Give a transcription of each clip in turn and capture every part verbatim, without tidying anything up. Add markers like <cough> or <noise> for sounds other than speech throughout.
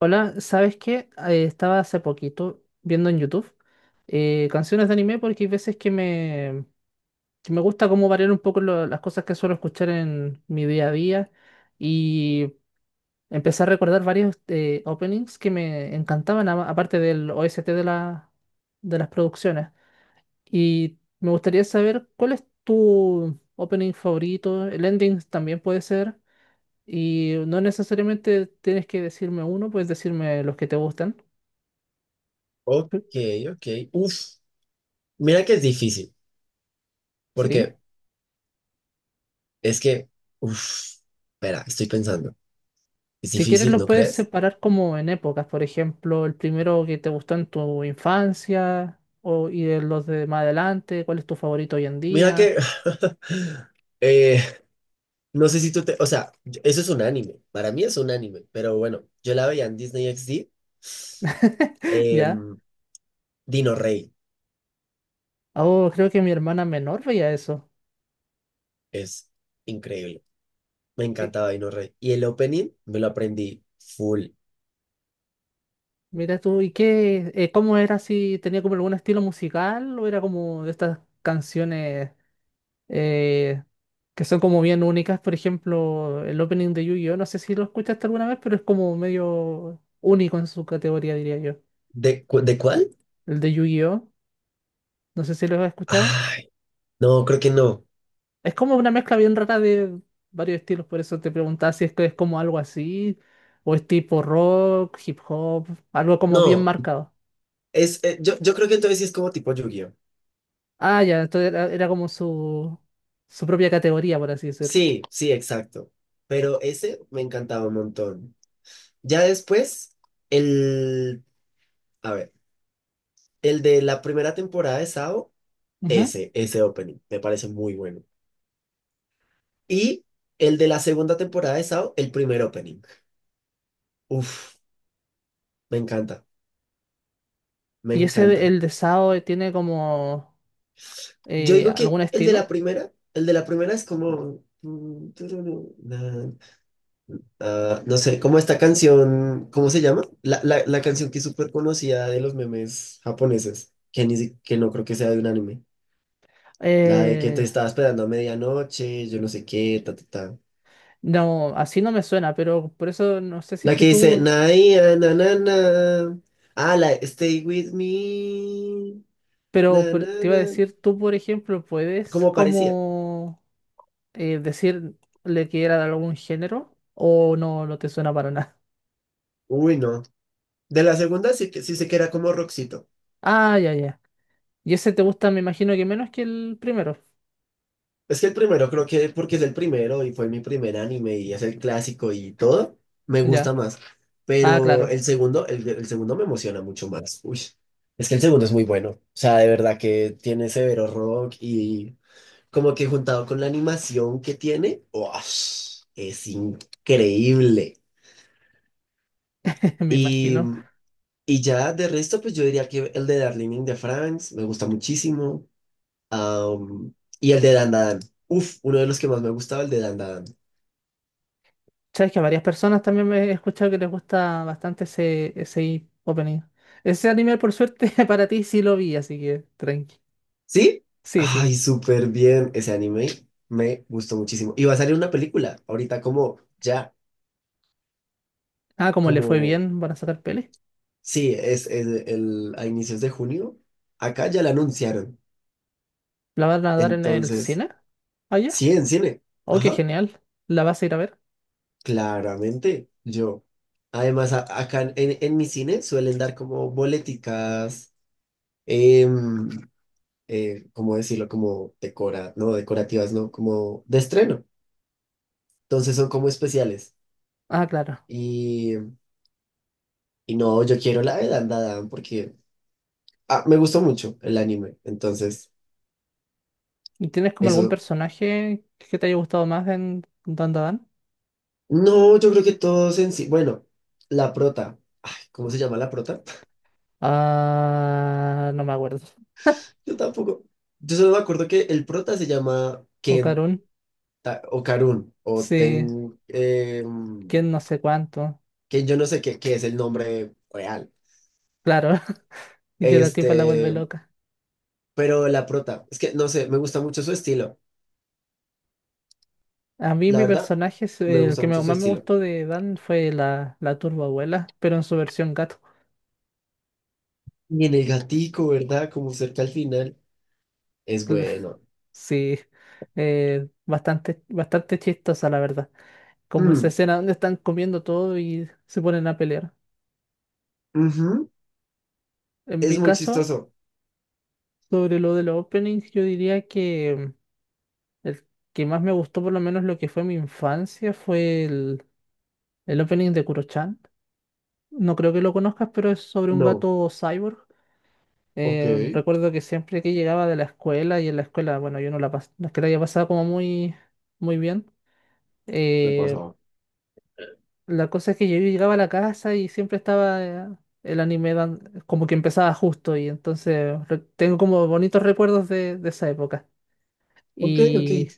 Hola, ¿sabes qué? Eh, estaba hace poquito viendo en YouTube eh, canciones de anime porque hay veces que me, que me gusta como variar un poco lo- las cosas que suelo escuchar en mi día a día y empecé a recordar varios eh, openings que me encantaban, a- aparte del O S T de, la, de las producciones. Y me gustaría saber cuál es tu opening favorito, el ending también puede ser, y no necesariamente tienes que decirme uno, puedes decirme los que te gustan. Ok, ok. Uf, mira que es difícil, ¿Sí? porque es que, uf, espera, estoy pensando. Es Si quieres difícil, lo ¿no puedes crees? separar como en épocas, por ejemplo, el primero que te gustó en tu infancia o, y de los de más adelante, cuál es tu favorito hoy en Mira día. que, <laughs> eh, no sé si tú te, o sea, yo- eso es un anime, para mí es un anime, pero bueno, yo la veía en Disney X D, <laughs> ¿Ya? em, Dino Rey, Oh, creo que mi hermana menor veía eso. es increíble, me Y- encantaba Dino Rey. Y el opening me lo aprendí full. Mira tú, ¿y qué? Eh, ¿cómo era si tenía como algún estilo musical o era como de estas canciones eh, que son como bien únicas? Por ejemplo, el opening de Yu-Gi-Oh, no sé si lo escuchaste alguna vez, pero es como medio único en su categoría, diría yo. ¿De, cu- de cuál? El de Yu-Gi-Oh. No sé si lo has escuchado. Ay, no, creo que no. Es como una mezcla bien rara de varios estilos, por eso te preguntaba si es que es como algo así, o es tipo rock, hip hop, algo como bien No, marcado. es, eh, yo, yo creo que entonces sí es como tipo Yu-Gi-Oh! Ah, ya, entonces era, era como su, su propia categoría, por así decirlo. Sí, sí, exacto. Pero ese me encantaba un montón. Ya después, el, a ver, el de la primera temporada de Sao, Ujú. ese, ese opening, me parece muy bueno. Y el de la segunda temporada de Sao, el primer opening. Uf, me encanta, me ¿Y ese, de- encanta. el de Sao, eh, tiene como Yo eh, digo algún que el de la estilo? primera, el de la primera es como… Ah, no sé, como esta canción, ¿cómo se llama? La, la, la canción que es súper conocida de los memes japoneses, que, ni, si- que no creo que sea de un anime. La de que te Eh, estaba esperando a medianoche, yo no sé qué, ta, ta, ta. no, así no me suena, pero por eso no sé si es La que que dice, tú, na, ia, na, na, na. Ah, la de Stay With Me, pero na, por- na, te iba a na. decir, tú, por ejemplo, puedes Como parecía. como eh, decir le que era de algún género o no, no te suena para nada. <laughs> Uy, no. De la segunda sí, que- sí sé que era como rockcito. Ah, ya, ya. Y ese te gusta, me imagino que menos que el primero. Es que el primero creo que porque es el primero y fue mi primer anime y es el clásico y todo, me gusta Ya. más. Ah, Pero claro, el segundo, el, el segundo me emociona mucho más. Uy, es que el segundo es muy bueno. O sea, de verdad que tiene severo rock y como que juntado con la animación que tiene, ¡uash! Es increíble. <laughs> me Y, imagino. y ya de resto, pues yo diría que el de Darling in the France me gusta muchísimo. Am, y el de Dan Dan. Uf, uno de los que más me gustaba, el de Dan Dan. Sabes que a varias personas también me he escuchado que les gusta bastante ese, ese opening. Ese anime, por suerte, <laughs> para ti sí lo vi, así que tranqui. ¿Sí? Sí, sí. Ay, súper bien. Ese anime me gustó muchísimo. Y va a salir una película ahorita como ya, Ah, como le fue como, bien, van a sacar peli. sí, es, es el, a inicios de junio. Acá ya la anunciaron. ¿La van a dar en el Entonces, cine? Allá. sí, en cine. Oh, qué Ajá, genial. ¿La vas a ir a ver? claramente yo. Además, a- acá en, en mi cine suelen dar como boleticas, em, eh, ¿cómo decirlo? Como decora, no, decorativas, no, como de estreno. Entonces son como especiales. Ah, claro. Y Y no, yo quiero la de Dandadan porque ah, me gustó mucho el anime. Entonces, ¿Y ¿Tienes como algún eso. personaje que te haya gustado más en Dandadan? No, yo creo que todos en sí. Bueno, la prota. Ay, ¿cómo se llama la prota? Ah, no me acuerdo. <laughs> Yo tampoco. Yo solo me acuerdo que el prota se llama O Ken Karun. Ta- o Karun o Sí, Ten. eh, quién no sé cuánto. Ken, yo no sé qué, qué es el nombre real. Claro, <laughs> y que la tipa la vuelve Este, loca. pero la prota. Es que no sé, me gusta mucho su estilo. A mí La mi verdad, personaje, es- me eh, el gusta que me- mucho su más me estilo. gustó de Dan fue la, la Turbo Abuela, pero en su versión gato. Y en el gatico, ¿verdad? Como cerca al final. Es <laughs> bueno. Sí, eh, bastante, bastante chistosa la verdad. Como esa Mm, escena donde están comiendo todo y se ponen a pelear. ujú. En Es mi muy caso, chistoso. sobre lo de los openings, yo diría que... El que más me gustó, por lo menos lo que fue mi infancia, fue el, el opening de Kuro-chan. No creo que lo conozcas, pero es sobre un No. gato cyborg. Ok. Eh, recuerdo que siempre que llegaba de la escuela, y en la escuela, bueno, yo no la, pas- no es que la haya pasado como muy, muy bien. Me eh, pasaba. la cosa es que yo llegaba a la casa y siempre estaba eh, el anime dan- como que empezaba justo, y entonces re- tengo como bonitos recuerdos de, de esa época. Ok, ok. Y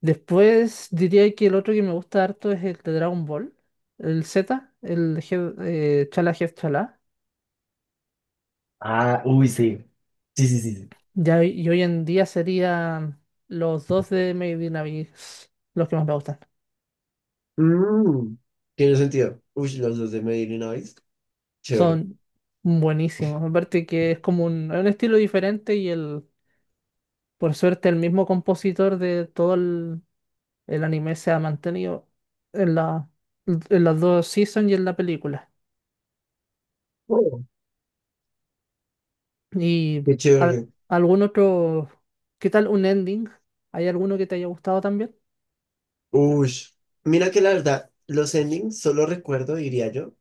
después diría que el otro que me gusta harto es el de Dragon Ball, el Z, el Head- eh, Chala Head Chala. Ah, uy, sí. Sí, sí, sí, sí. Ya, hoy- y hoy en día serían los dos de Made in Abyss los que más me gustan. Mm, tiene sentido. Uy, los dos de Medellín, Noise. Chévere. Son buenísimos. Aparte que es como un, es un estilo diferente y el, por suerte el mismo compositor de todo el, el anime se ha mantenido en la, en las dos seasons y en la película. Oh, ¿Y qué al- chévere. algún otro? ¿Qué tal un ending? ¿Hay alguno que te haya gustado también? Uy. Mira que la verdad, los endings solo recuerdo, diría yo,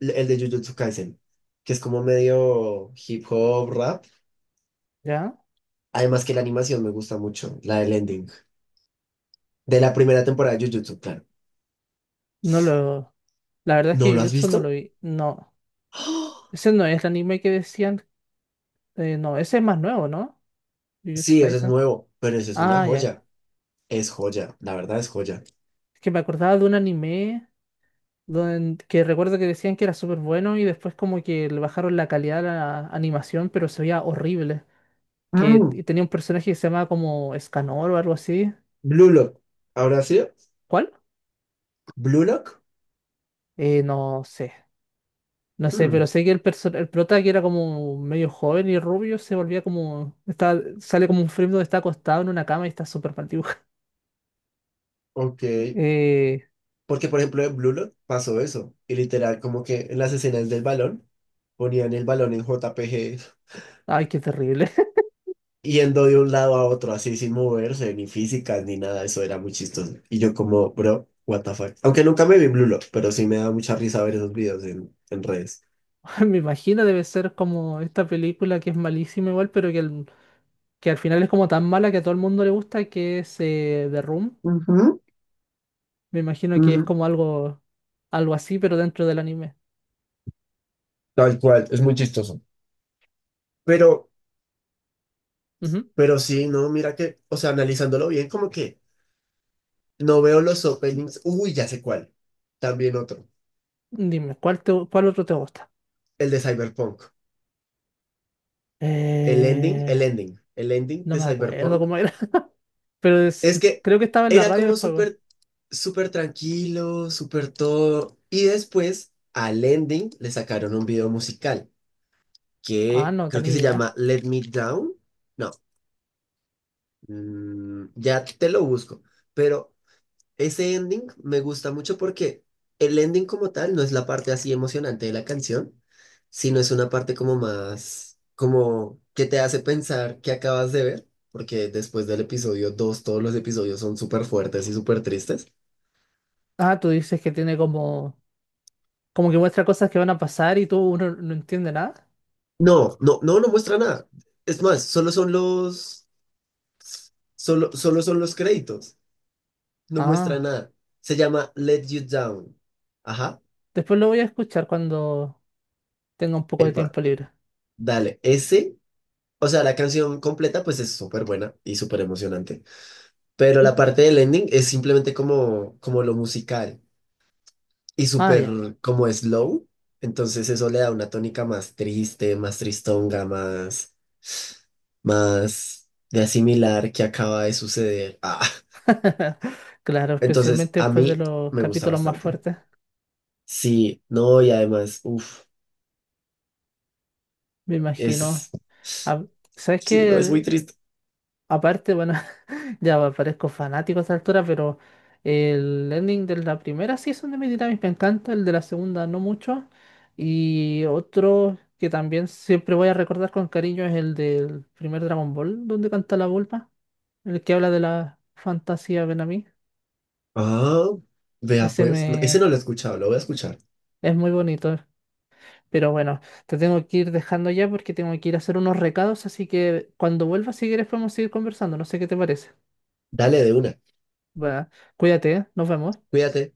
l- el de Jujutsu Kaisen, que es como medio hip hop, rap. ¿Ya? Además que la animación me gusta mucho, la del ending. De la primera temporada de Jujutsu, claro. No lo... La verdad es ¿No que lo has Jujutsu no lo visto? vi. No. <gasps> Ese no es el anime que decían. Eh, no, ese es más nuevo, ¿no? Jujutsu Sí, eso es Kaisen. nuevo, pero eso es una Ah, ya. joya. Es joya, la verdad es joya. Es que me acordaba de un anime don- que recuerdo que decían que era súper bueno y después como que le bajaron la calidad a la animación, pero se veía horrible. Que Mm, t- tenía un personaje que se llamaba como Escanor o algo así. Blue Lock. ¿Ahora sí? ¿Cuál? ¿Blue Lock? Eh, no sé. No sé, Mm, pero sé que el, perso- el prota que era como medio joven y rubio se volvía como. Está, sale como un frame donde está acostado en una cama y está súper mal dibujado. <laughs> ok. Eh, Porque, por ejemplo, en Blue Lock pasó eso. Y literal, como que en las escenas del balón, ponían el balón en J P G ay, qué terrible. yendo de un lado a otro, así sin moverse, ni físicas, ni nada. Eso era muy chistoso. Y yo como, bro, what the fuck. Aunque nunca me vi Blue Lock, pero sí me da mucha risa ver esos videos en, en redes. <laughs> Me imagino debe ser como esta película que es malísima igual, pero que, al- que al final es como tan mala que a todo el mundo le gusta, que es eh, The Room. Ujú, Me imagino que es ujú. como algo, algo así, pero dentro del anime. Tal cual, es muy chistoso. Pero Ujú. Pero sí, no, mira que, o sea, analizándolo bien, como que no veo los openings. Uy, ya sé cuál. También otro. Dime, ¿cuál, te- ¿cuál otro te gusta? El de Cyberpunk. El ending, el Eh, ending. El ending no de me acuerdo Cyberpunk. cómo era, <laughs> pero es- Es que creo que estaba en la era radio como del juego. súper, súper tranquilo, súper todo. Y después al ending le sacaron un video musical Ah, que no creo que tenía se idea. llama Let Me Down. No, mm, ya te lo busco. Pero ese ending me gusta mucho porque el ending como tal no es la parte así emocionante de la canción, sino es una parte como más, como que te hace pensar que acabas de ver, porque después del episodio dos todos los episodios son súper fuertes y súper tristes. Ah, tú dices que tiene como, como que muestra cosas que van a pasar y tú uno no entiende nada. No, no, no, no muestra nada. Es más, solo son los, solo, solo son los créditos. No muestra Ah, nada. Se llama Let You Down. Ajá. después lo voy a escuchar cuando tenga un poco de Epa, tiempo libre. dale. Ese o sea, la canción completa pues es súper buena y súper emocionante, pero Mm, la parte del ending es simplemente como, como lo musical y ah, súper ya. como slow, entonces eso le da una tónica más triste, más tristonga, más, más de asimilar que acaba de suceder. Ah, <laughs> Claro, entonces especialmente a después de mí los me gusta capítulos más bastante. fuertes, Sí, no, y además, uff, me imagino. es, Ah, ¿sabes sí, no, es muy qué? triste. Aparte, bueno, <laughs> ya pa- parezco fanático a esa altura, pero el ending de la primera season de My Dynamic me encanta, el de la segunda no mucho. Y otro que también siempre voy a recordar con cariño es el del primer Dragon Ball, donde canta la Vulpa, el que habla de la fantasía Benami. Ah, vea Ese pues, no, ese me no lo he escuchado, lo voy a escuchar. es muy bonito. Pero bueno, te tengo que ir dejando ya porque tengo que ir a hacer unos recados, así que cuando vuelvas, si quieres, podemos seguir conversando. No sé qué te parece. Dale de una. Va, cuídate, ¿eh? Nos vemos. Cuídate.